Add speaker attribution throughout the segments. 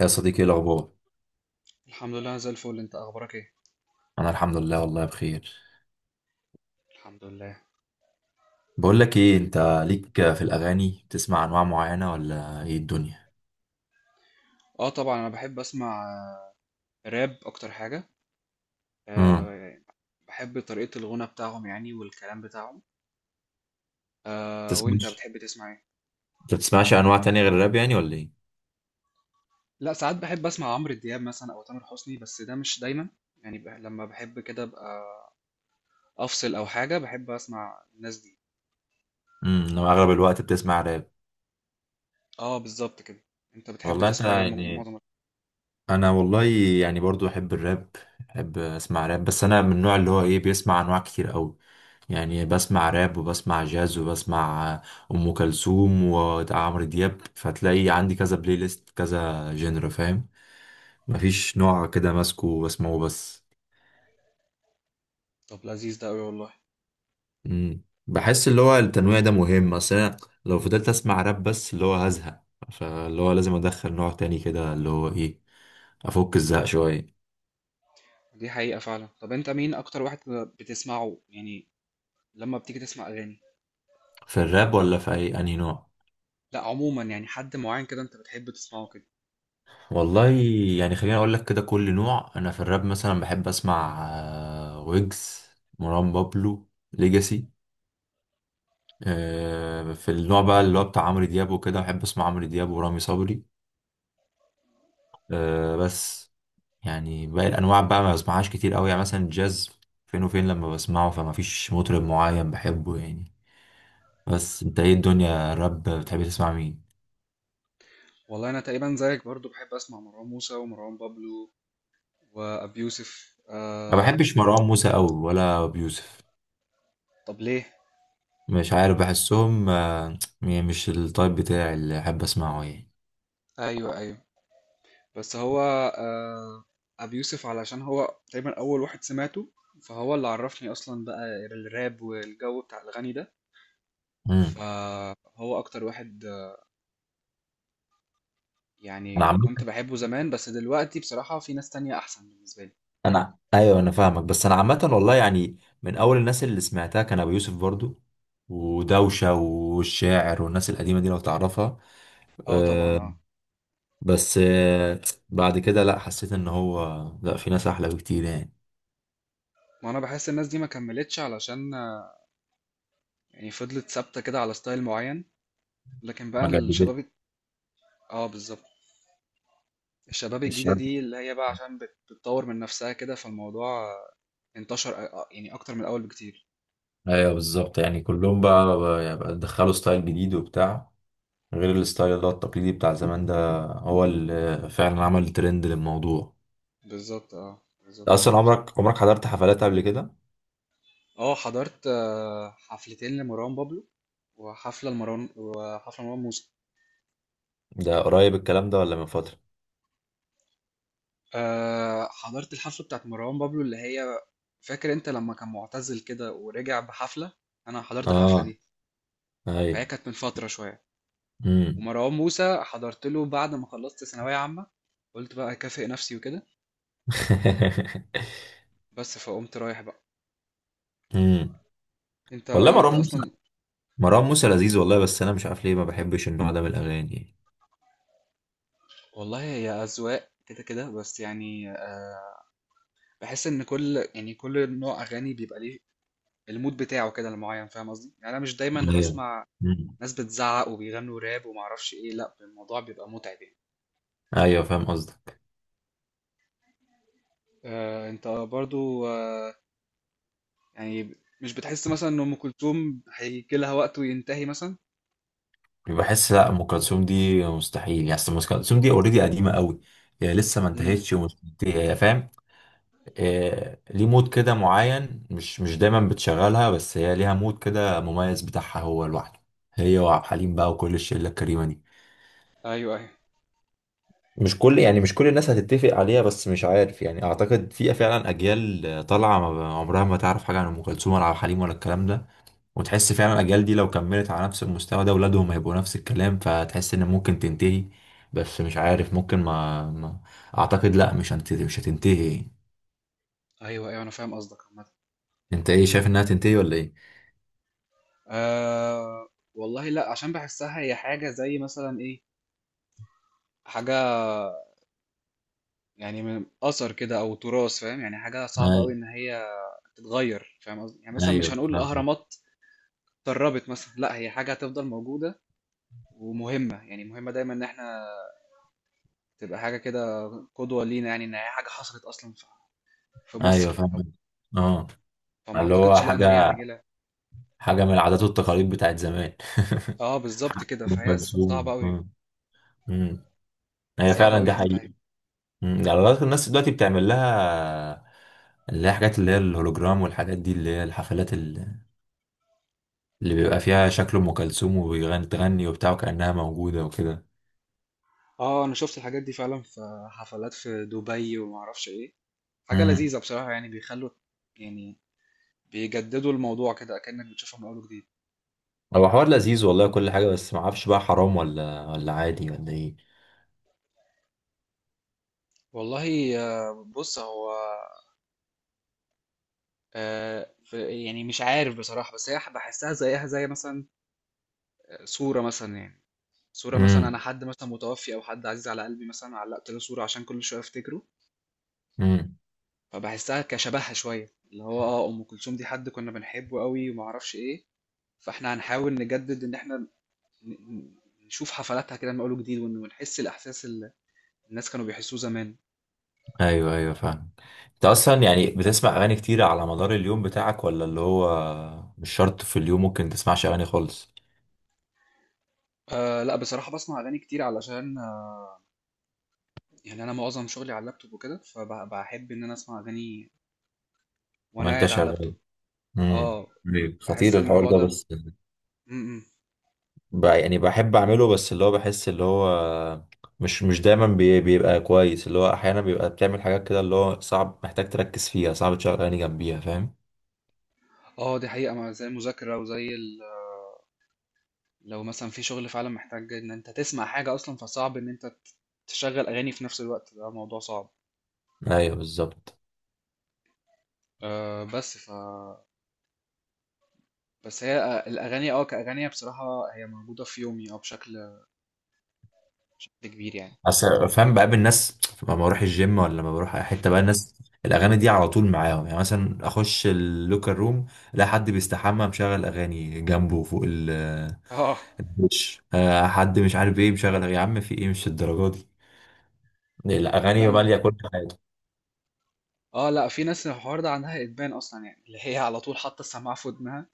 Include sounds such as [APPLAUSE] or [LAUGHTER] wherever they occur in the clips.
Speaker 1: يا صديقي، ايه الاخبار؟
Speaker 2: الحمد لله، أنا زي الفل. انت اخبارك ايه؟
Speaker 1: انا الحمد لله والله بخير.
Speaker 2: الحمد لله.
Speaker 1: بقول لك ايه انت، ليك في الاغاني بتسمع انواع معينه ولا ايه الدنيا؟
Speaker 2: اه طبعا انا بحب اسمع راب اكتر حاجه.
Speaker 1: امم.
Speaker 2: آه. بحب طريقه الغنى بتاعهم يعني والكلام بتاعهم. آه، وانت
Speaker 1: تسمعش
Speaker 2: بتحب تسمع ايه؟
Speaker 1: انت بتسمعش انواع تانية غير الراب يعني ولا ايه؟
Speaker 2: لا، ساعات بحب اسمع عمرو دياب مثلا او تامر حسني، بس ده مش دايما. يعني لما بحب كده ابقى افصل او حاجه بحب اسمع الناس دي.
Speaker 1: انا اغلب الوقت بتسمع راب.
Speaker 2: اه بالظبط كده. انت بتحب
Speaker 1: والله انت
Speaker 2: تسمع ايه معظم
Speaker 1: يعني
Speaker 2: الوقت؟
Speaker 1: انا والله يعني برضو احب الراب، احب اسمع راب. بس انا من النوع اللي هو ايه، بيسمع انواع كتير قوي، يعني بسمع راب وبسمع جاز وبسمع ام كلثوم وعمرو دياب، فتلاقي عندي كذا بلاي ليست، كذا جنر، فاهم؟ مفيش نوع كده ماسكه واسمعه بس.
Speaker 2: طب لذيذ ده قوي والله.
Speaker 1: مم. بحس اللي هو التنويع ده مهم، اصل أنا لو فضلت اسمع راب بس اللي هو هزهق، فاللي هو لازم ادخل نوع تاني كده، اللي هو ايه، افك الزهق شوية.
Speaker 2: دي حقيقه فعلا. طب انت مين اكتر واحد بتسمعه يعني لما بتيجي تسمع اغاني؟
Speaker 1: في الراب ولا في اي انهي نوع؟
Speaker 2: لا، عموما يعني حد معين كده انت بتحب تسمعه كده؟
Speaker 1: والله يعني خليني اقول لك كده، كل نوع. انا في الراب مثلا بحب اسمع ويجز، مروان بابلو، ليجاسي. في النوع بقى اللي هو بتاع عمرو دياب وكده، بحب اسمع عمرو دياب ورامي صبري بس. يعني باقي الانواع بقى ما بسمعهاش كتير قوي، يعني مثلا الجاز، فين وفين لما بسمعه، فما فيش مطرب معين بحبه يعني. بس انت ايه الدنيا، الراب بتحب تسمع مين؟
Speaker 2: والله انا تقريبا زيك، برضو بحب اسمع مروان موسى ومروان بابلو وابي يوسف.
Speaker 1: ما
Speaker 2: آه.
Speaker 1: بحبش مروان موسى قوي ولا بيوسف.
Speaker 2: طب ليه؟
Speaker 1: مش عارف، بحسهم مش التايب بتاعي اللي احب اسمعه يعني.
Speaker 2: ايوه، ايوه. بس هو آه ابي يوسف، علشان هو تقريبا اول واحد سمعته، فهو اللي عرفني اصلا بقى الراب والجو بتاع الغني ده.
Speaker 1: امم.
Speaker 2: فهو اكتر واحد. يعني
Speaker 1: انا عامه،
Speaker 2: كنت بحبه زمان، بس دلوقتي بصراحة في ناس تانية احسن بالنسبة لي.
Speaker 1: انا ايوه انا فاهمك، بس انا عامه والله، يعني من اول الناس اللي سمعتها كان ابو يوسف برضو ودوشه والشاعر والناس القديمه دي، لو تعرفها.
Speaker 2: اه طبعا اه.
Speaker 1: بس بعد كده لا، حسيت ان هو لا، في ناس احلى بكتير يعني.
Speaker 2: ما انا بحس الناس دي ما كملتش، علشان يعني فضلت ثابتة كده على ستايل معين، لكن بقى
Speaker 1: ما جددت.
Speaker 2: الشباب. اه بالظبط. الشباب الجديدة
Speaker 1: الشعب،
Speaker 2: دي اللي هي بقى عشان بتطور من نفسها كده، فالموضوع انتشر يعني أكتر من الأول بكتير.
Speaker 1: ايوه بالظبط، يعني كلهم بقى بقى دخلوا ستايل جديد وبتاع، غير الستايل ده التقليدي بتاع زمان، ده هو اللي فعلا عمل ترند للموضوع.
Speaker 2: بالظبط اه بالظبط.
Speaker 1: اصلا عمرك حضرت حفلات قبل كده؟
Speaker 2: اه حضرت حفلتين لمروان بابلو، وحفلة لمروان، وحفلة مروان موسى.
Speaker 1: ده قريب الكلام ده ولا من فترة؟
Speaker 2: حضرت الحفلة بتاعت مروان بابلو اللي هي، فاكر انت لما كان معتزل كده ورجع بحفلة، انا حضرت الحفلة
Speaker 1: اه،
Speaker 2: دي. فهي
Speaker 1: اي.
Speaker 2: كانت من فترة شوية.
Speaker 1: امم.
Speaker 2: ومروان موسى حضرت له بعد ما خلصت ثانوية عامة، قلت بقى أكافئ نفسي وكده،
Speaker 1: [LAUGHS]
Speaker 2: بس فقمت رايح بقى.
Speaker 1: امم.
Speaker 2: انت
Speaker 1: والله
Speaker 2: ايه، انت
Speaker 1: مروان موسى،
Speaker 2: اصلا؟
Speaker 1: مروان موسى لذيذ والله، بس انا مش عارف ليه ما بحبش النوع ده من الاغاني.
Speaker 2: والله هي اذواق كده كده، بس يعني بحس ان كل يعني كل نوع اغاني بيبقى ليه المود بتاعه كده المعين، فاهم قصدي؟ يعني انا مش دايما
Speaker 1: ايوه.
Speaker 2: هسمع
Speaker 1: أمم.
Speaker 2: ناس بتزعق وبيغنوا راب ومعرفش ايه، لا الموضوع بيبقى متعب يعني.
Speaker 1: ايوه فاهم قصدك.
Speaker 2: انت برضو، يعني مش بتحس مثلا ان ام كلثوم هيجي لها وقت وينتهي مثلا؟
Speaker 1: بحس لا، ام كلثوم دي مستحيل يعني، أصل ام كلثوم دي اوريدي قديمه قوي، هي لسه ما
Speaker 2: امم
Speaker 1: انتهتش ومش، هي فاهم، ليه مود كده معين، مش دايما بتشغلها، بس هي ليها مود كده مميز بتاعها هو لوحده، هي وعبد الحليم بقى وكل الشله الكريمه دي.
Speaker 2: ايوه ايوه
Speaker 1: مش كل الناس هتتفق عليها، بس مش عارف يعني. اعتقد في فعلا اجيال طالعه عمرها ما تعرف حاجه عن ام كلثوم ولا عبد الحليم ولا الكلام ده، وتحس فعلا الاجيال دي لو كملت على نفس المستوى ده، اولادهم هيبقوا نفس الكلام، فتحس ان ممكن تنتهي. بس مش عارف، ممكن ما, ما اعتقد لا، مش هتنتهي، مش هتنتهي.
Speaker 2: ايوه ايوه، انا فاهم قصدك.
Speaker 1: انت ايه شايف انها تنتهي ولا
Speaker 2: آه. والله لا، عشان بحسها هي حاجة زي مثلا ايه، حاجة يعني من أثر كده أو تراث، فاهم؟ يعني حاجة صعبة أوي
Speaker 1: ايه؟
Speaker 2: إن هي تتغير، فاهم قصدي؟ يعني مثلا مش
Speaker 1: ايوه
Speaker 2: هنقول
Speaker 1: فاهم،
Speaker 2: الأهرامات اتدربت مثلا، لا هي حاجة هتفضل موجودة ومهمة، يعني مهمة دايما إن احنا تبقى حاجة كده قدوة لينا، يعني إن هي حاجة حصلت أصلا في
Speaker 1: ايوه
Speaker 2: مصر، أو
Speaker 1: فاهم. اه،
Speaker 2: فما
Speaker 1: اللي هو
Speaker 2: أعتقدش لا إن هي
Speaker 1: حاجه،
Speaker 2: هجيلها.
Speaker 1: حاجه من العادات والتقاليد بتاعت زمان. [LAUGHS]
Speaker 2: اه بالظبط
Speaker 1: حاجة
Speaker 2: كده،
Speaker 1: ام
Speaker 2: فهي صعبة
Speaker 1: كلثوم،
Speaker 2: أوي،
Speaker 1: آه. أمم. هي
Speaker 2: صعبة
Speaker 1: فعلا
Speaker 2: أوي
Speaker 1: دي
Speaker 2: تنتهي.
Speaker 1: حقيقه. أمم. ده على الأقل الناس دلوقتي بتعمل لها اللي هي حاجات، اللي هي الهولوجرام والحاجات دي، اللي هي الحفلات اللي بيبقى فيها شكل ام كلثوم وبتغني وبتاع، وكانها موجوده وكده.
Speaker 2: اه أنا شفت الحاجات دي فعلا في حفلات في دبي ومعرفش إيه. حاجة
Speaker 1: امم.
Speaker 2: لذيذة بصراحة، يعني بيخلوا يعني بيجددوا الموضوع كده كأنك بتشوفه من أول وجديد.
Speaker 1: هو حوار لذيذ والله كل حاجه، بس ما اعرفش بقى، حرام ولا عادي ولا ايه؟
Speaker 2: والله، بص هو، يعني مش عارف بصراحة، بس هي بحسها زيها زي مثلا صورة مثلا يعني. صورة مثلا، أنا حد مثلا متوفي أو حد عزيز على قلبي مثلا علقت له صورة عشان كل شوية أفتكره.
Speaker 1: امم.
Speaker 2: فبحسها كشبهها شوية، اللي هو اه أم كلثوم دي حد كنا بنحبه قوي ومعرفش إيه. فإحنا هنحاول نجدد إن إحنا ن- ن- نشوف حفلاتها كده من أول وجديد، ونحس الإحساس اللي الناس كانوا بيحسوه زمان.
Speaker 1: ايوه، ايوه فاهم. انت اصلا يعني بتسمع اغاني كتير على مدار اليوم بتاعك، ولا اللي هو مش شرط، في اليوم ممكن تسمعش اغاني خالص؟
Speaker 2: أه لا، بصراحة بسمع أغاني كتير علشان يعني أنا معظم شغلي على اللابتوب وكده، فبحب إن أنا أسمع أغاني وأنا
Speaker 1: وانت
Speaker 2: قاعد على
Speaker 1: شغال.
Speaker 2: اللابتوب.
Speaker 1: امم.
Speaker 2: أه.
Speaker 1: أيوة.
Speaker 2: بحس
Speaker 1: خطير الحوار
Speaker 2: الموضوع
Speaker 1: ده،
Speaker 2: ده. م
Speaker 1: بس
Speaker 2: -م.
Speaker 1: يعني بحب اعمله، بس اللي هو بحس اللي هو مش دايما بيبقى كويس، اللي هو احيانا بيبقى بتعمل حاجات كده اللي هو صعب، محتاج تركز فيها، صعب تشغل اغاني جنبيها، فاهم؟
Speaker 2: أه دي حقيقة، مع زي المذاكرة وزي لو مثلا في شغل فعلا محتاج إن أنت تسمع حاجة أصلا، فصعب إن أنت تشغل أغاني في نفس الوقت، ده موضوع صعب.
Speaker 1: ايوه بالظبط.
Speaker 2: أه، بس هي، الأغاني أه كأغاني بصراحة هي موجودة في يومي أه بشكل كبير يعني.
Speaker 1: اصل فاهم، بقابل ناس لما بروح الجيم ولا لما بروح اي حته بقى، الناس الاغاني دي على طول معاهم يعني، مثلا اخش اللوكر روم، الاقي حد بيستحمى مشغل اغاني جنبه فوق ال،
Speaker 2: أه
Speaker 1: مش آه، حد مش عارف ايه مشغل أغاني. يا عم في ايه، مش الدرجه دي، الاغاني
Speaker 2: لا،
Speaker 1: ماليه كل حاجه.
Speaker 2: اه لا، في ناس الحوار ده عندها ادمان اصلا، يعني اللي هي على طول حاطه السماعه في ودنها،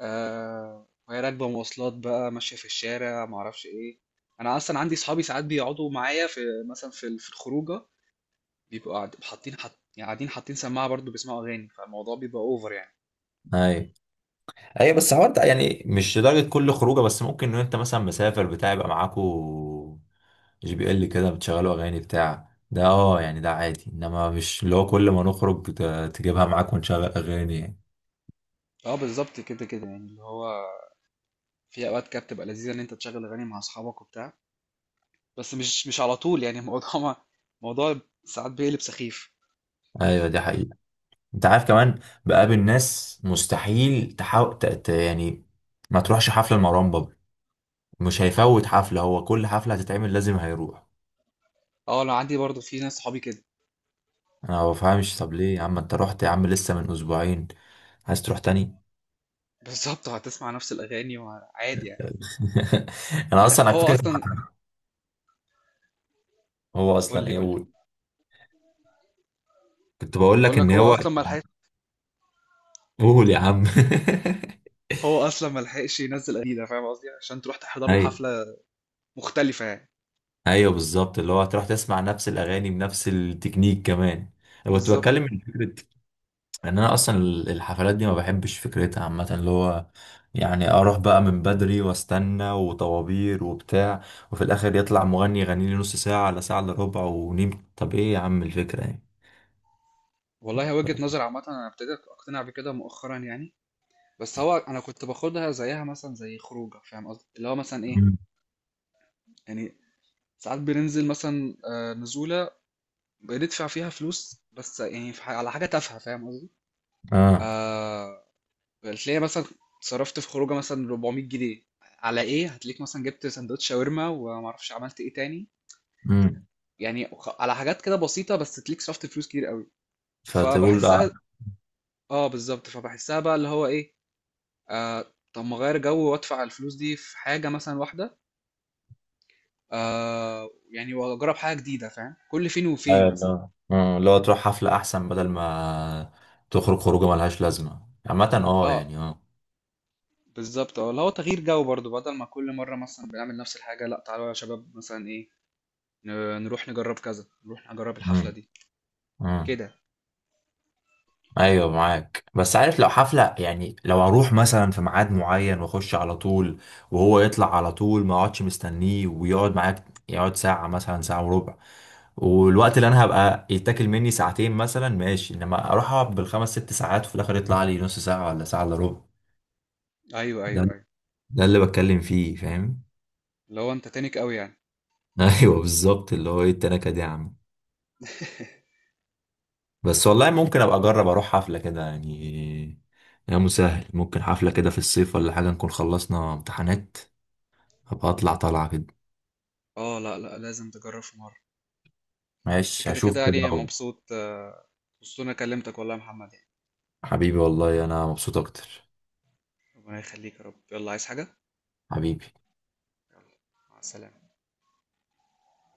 Speaker 2: آه، وهي راكبه مواصلات بقى ماشيه في الشارع ما اعرفش ايه. انا اصلا عندي صحابي ساعات بيقعدوا معايا في مثلا في في الخروجه، بيبقوا قاعد- حاطين حط يعني قاعدين حاطين سماعه برضو بيسمعوا اغاني، فالموضوع بيبقى اوفر يعني.
Speaker 1: ايوه، ايوه. بس هو انت يعني مش لدرجه كل خروجه، بس ممكن ان انت مثلا مسافر بتاع، يبقى معاكو جي بي ال كده بتشغلوا اغاني بتاع ده، اه يعني، ده عادي. انما مش اللي هو كل ما نخرج تجيبها معاك ونشغل اغاني يعني.
Speaker 2: اه بالظبط كده كده يعني، اللي هو في اوقات كده بتبقى لذيذه ان انت تشغل اغاني مع اصحابك وبتاع، بس مش على طول يعني الموضوع [LAUGHS] موضوع ساعات بيقلب سخيف.
Speaker 1: ايوه دي حقيقة. انت عارف كمان بقابل ناس مستحيل، تحاول يعني ما تروحش حفلة لمروان بابلو، مش هيفوت حفلة، هو كل حفلة هتتعمل لازم هيروح.
Speaker 2: اه انا عندي برضو في ناس صحابي كده.
Speaker 1: انا ما بفهمش، طب ليه يا عم، انت رحت يا عم لسه من اسبوعين، عايز تروح تاني؟
Speaker 2: بالظبط هتسمع نفس الاغاني وعادي يعني.
Speaker 1: [LAUGHS] انا
Speaker 2: لا
Speaker 1: اصلا
Speaker 2: ما
Speaker 1: على
Speaker 2: هو
Speaker 1: فكره.
Speaker 2: اصلا.
Speaker 1: [LAUGHS] هو
Speaker 2: قول
Speaker 1: اصلا
Speaker 2: لي،
Speaker 1: ايه،
Speaker 2: قول لي.
Speaker 1: قول. كنت بقول
Speaker 2: بقول
Speaker 1: لك ان
Speaker 2: لك هو
Speaker 1: هو،
Speaker 2: اصلا ما لحقش.
Speaker 1: قول يا عم.
Speaker 2: هو
Speaker 1: [LAUGHS]
Speaker 2: اصلا ما لحقش ينزل جديده، فاهم قصدي؟ عشان تروح تحضر له
Speaker 1: ايوه،
Speaker 2: حفله مختلفه يعني.
Speaker 1: ايوه بالظبط، اللي هو هتروح تسمع نفس الاغاني بنفس التكنيك كمان. انا كنت
Speaker 2: بالظبط.
Speaker 1: بتكلم من فكره ان انا اصلا الحفلات دي ما بحبش فكرتها عامه، اللي هو يعني اروح بقى من بدري واستنى وطوابير وبتاع، وفي الاخر يطلع مغني يغني لي نص ساعه على ساعه الا ربع ونيم، طب ايه يا عم الفكره يعني.
Speaker 2: والله هي وجهه نظر عامه، انا ابتديت اقتنع بكده مؤخرا يعني. بس هو انا كنت باخدها زيها مثلا زي خروجه، فاهم قصدي؟ اللي هو مثلا ايه
Speaker 1: مم.
Speaker 2: يعني، ساعات بننزل مثلا نزوله بندفع فيها فلوس بس يعني في على حاجه تافهه، فاهم قصدي؟
Speaker 1: اه.
Speaker 2: آه، هتلاقي مثلا صرفت في خروجه مثلا 400 جنيه على ايه، هتلاقيك مثلا جبت سندوتش شاورما ومعرفش عملت ايه تاني.
Speaker 1: امم.
Speaker 2: يعني على حاجات كده بسيطه بس تليك صرفت فلوس كتير قوي.
Speaker 1: فتقول،
Speaker 2: فبحسها. اه بالظبط فبحسها بقى اللي هو ايه، آه طب ما اغير جو وادفع الفلوس دي في حاجه مثلا واحده، آه يعني واجرب حاجه جديده، فاهم؟ كل فين وفين
Speaker 1: ايوه
Speaker 2: مثلا.
Speaker 1: لا، لو تروح حفلة احسن، بدل ما تخرج خروجه ملهاش لازمة عامة، اه
Speaker 2: اه
Speaker 1: يعني، اه.
Speaker 2: بالظبط اه، اللي هو تغيير جو برضو بدل ما كل مره مثلا بنعمل نفس الحاجه، لا تعالوا يا شباب مثلا ايه نروح نجرب كذا، نروح نجرب الحفله
Speaker 1: مم.
Speaker 2: دي
Speaker 1: مم.
Speaker 2: كده.
Speaker 1: ايوه معاك، بس عارف لو حفلة يعني، لو اروح مثلا في ميعاد معين واخش على طول، وهو يطلع على طول ما اقعدش مستنيه، ويقعد معاك يقعد ساعة مثلا، ساعة وربع، والوقت اللي انا هبقى يتاكل مني ساعتين مثلا، ماشي. انما اروح اقعد بالخمس ست ساعات وفي الاخر يطلع لي نص ساعة ولا ساعة الا ربع،
Speaker 2: ايوه ايوه
Speaker 1: ده
Speaker 2: ايوه.
Speaker 1: ده اللي بتكلم فيه، فاهم؟
Speaker 2: اللي هو انت تانيك قوي يعني.
Speaker 1: [LAUGHS] ايوه بالظبط، اللي هو ايه التناكة دي يا عم. بس والله ممكن ابقى اجرب اروح حفلة كده يعني، يا مسهل، ممكن حفلة كده في الصيف ولا حاجة، نكون خلصنا امتحانات، ابقى اطلع طالعة كده.
Speaker 2: اه لا لا، لازم تجرب في مرة. بس
Speaker 1: ماشي
Speaker 2: كده
Speaker 1: هشوف
Speaker 2: كده
Speaker 1: كده
Speaker 2: يعني
Speaker 1: أهو.
Speaker 2: مبسوط، مبسوط إن انا كلمتك والله يا محمد يعني.
Speaker 1: حبيبي والله انا مبسوط اكتر.
Speaker 2: ربنا يخليك يا رب. يلا، عايز حاجة؟
Speaker 1: حبيبي.
Speaker 2: مع السلامة.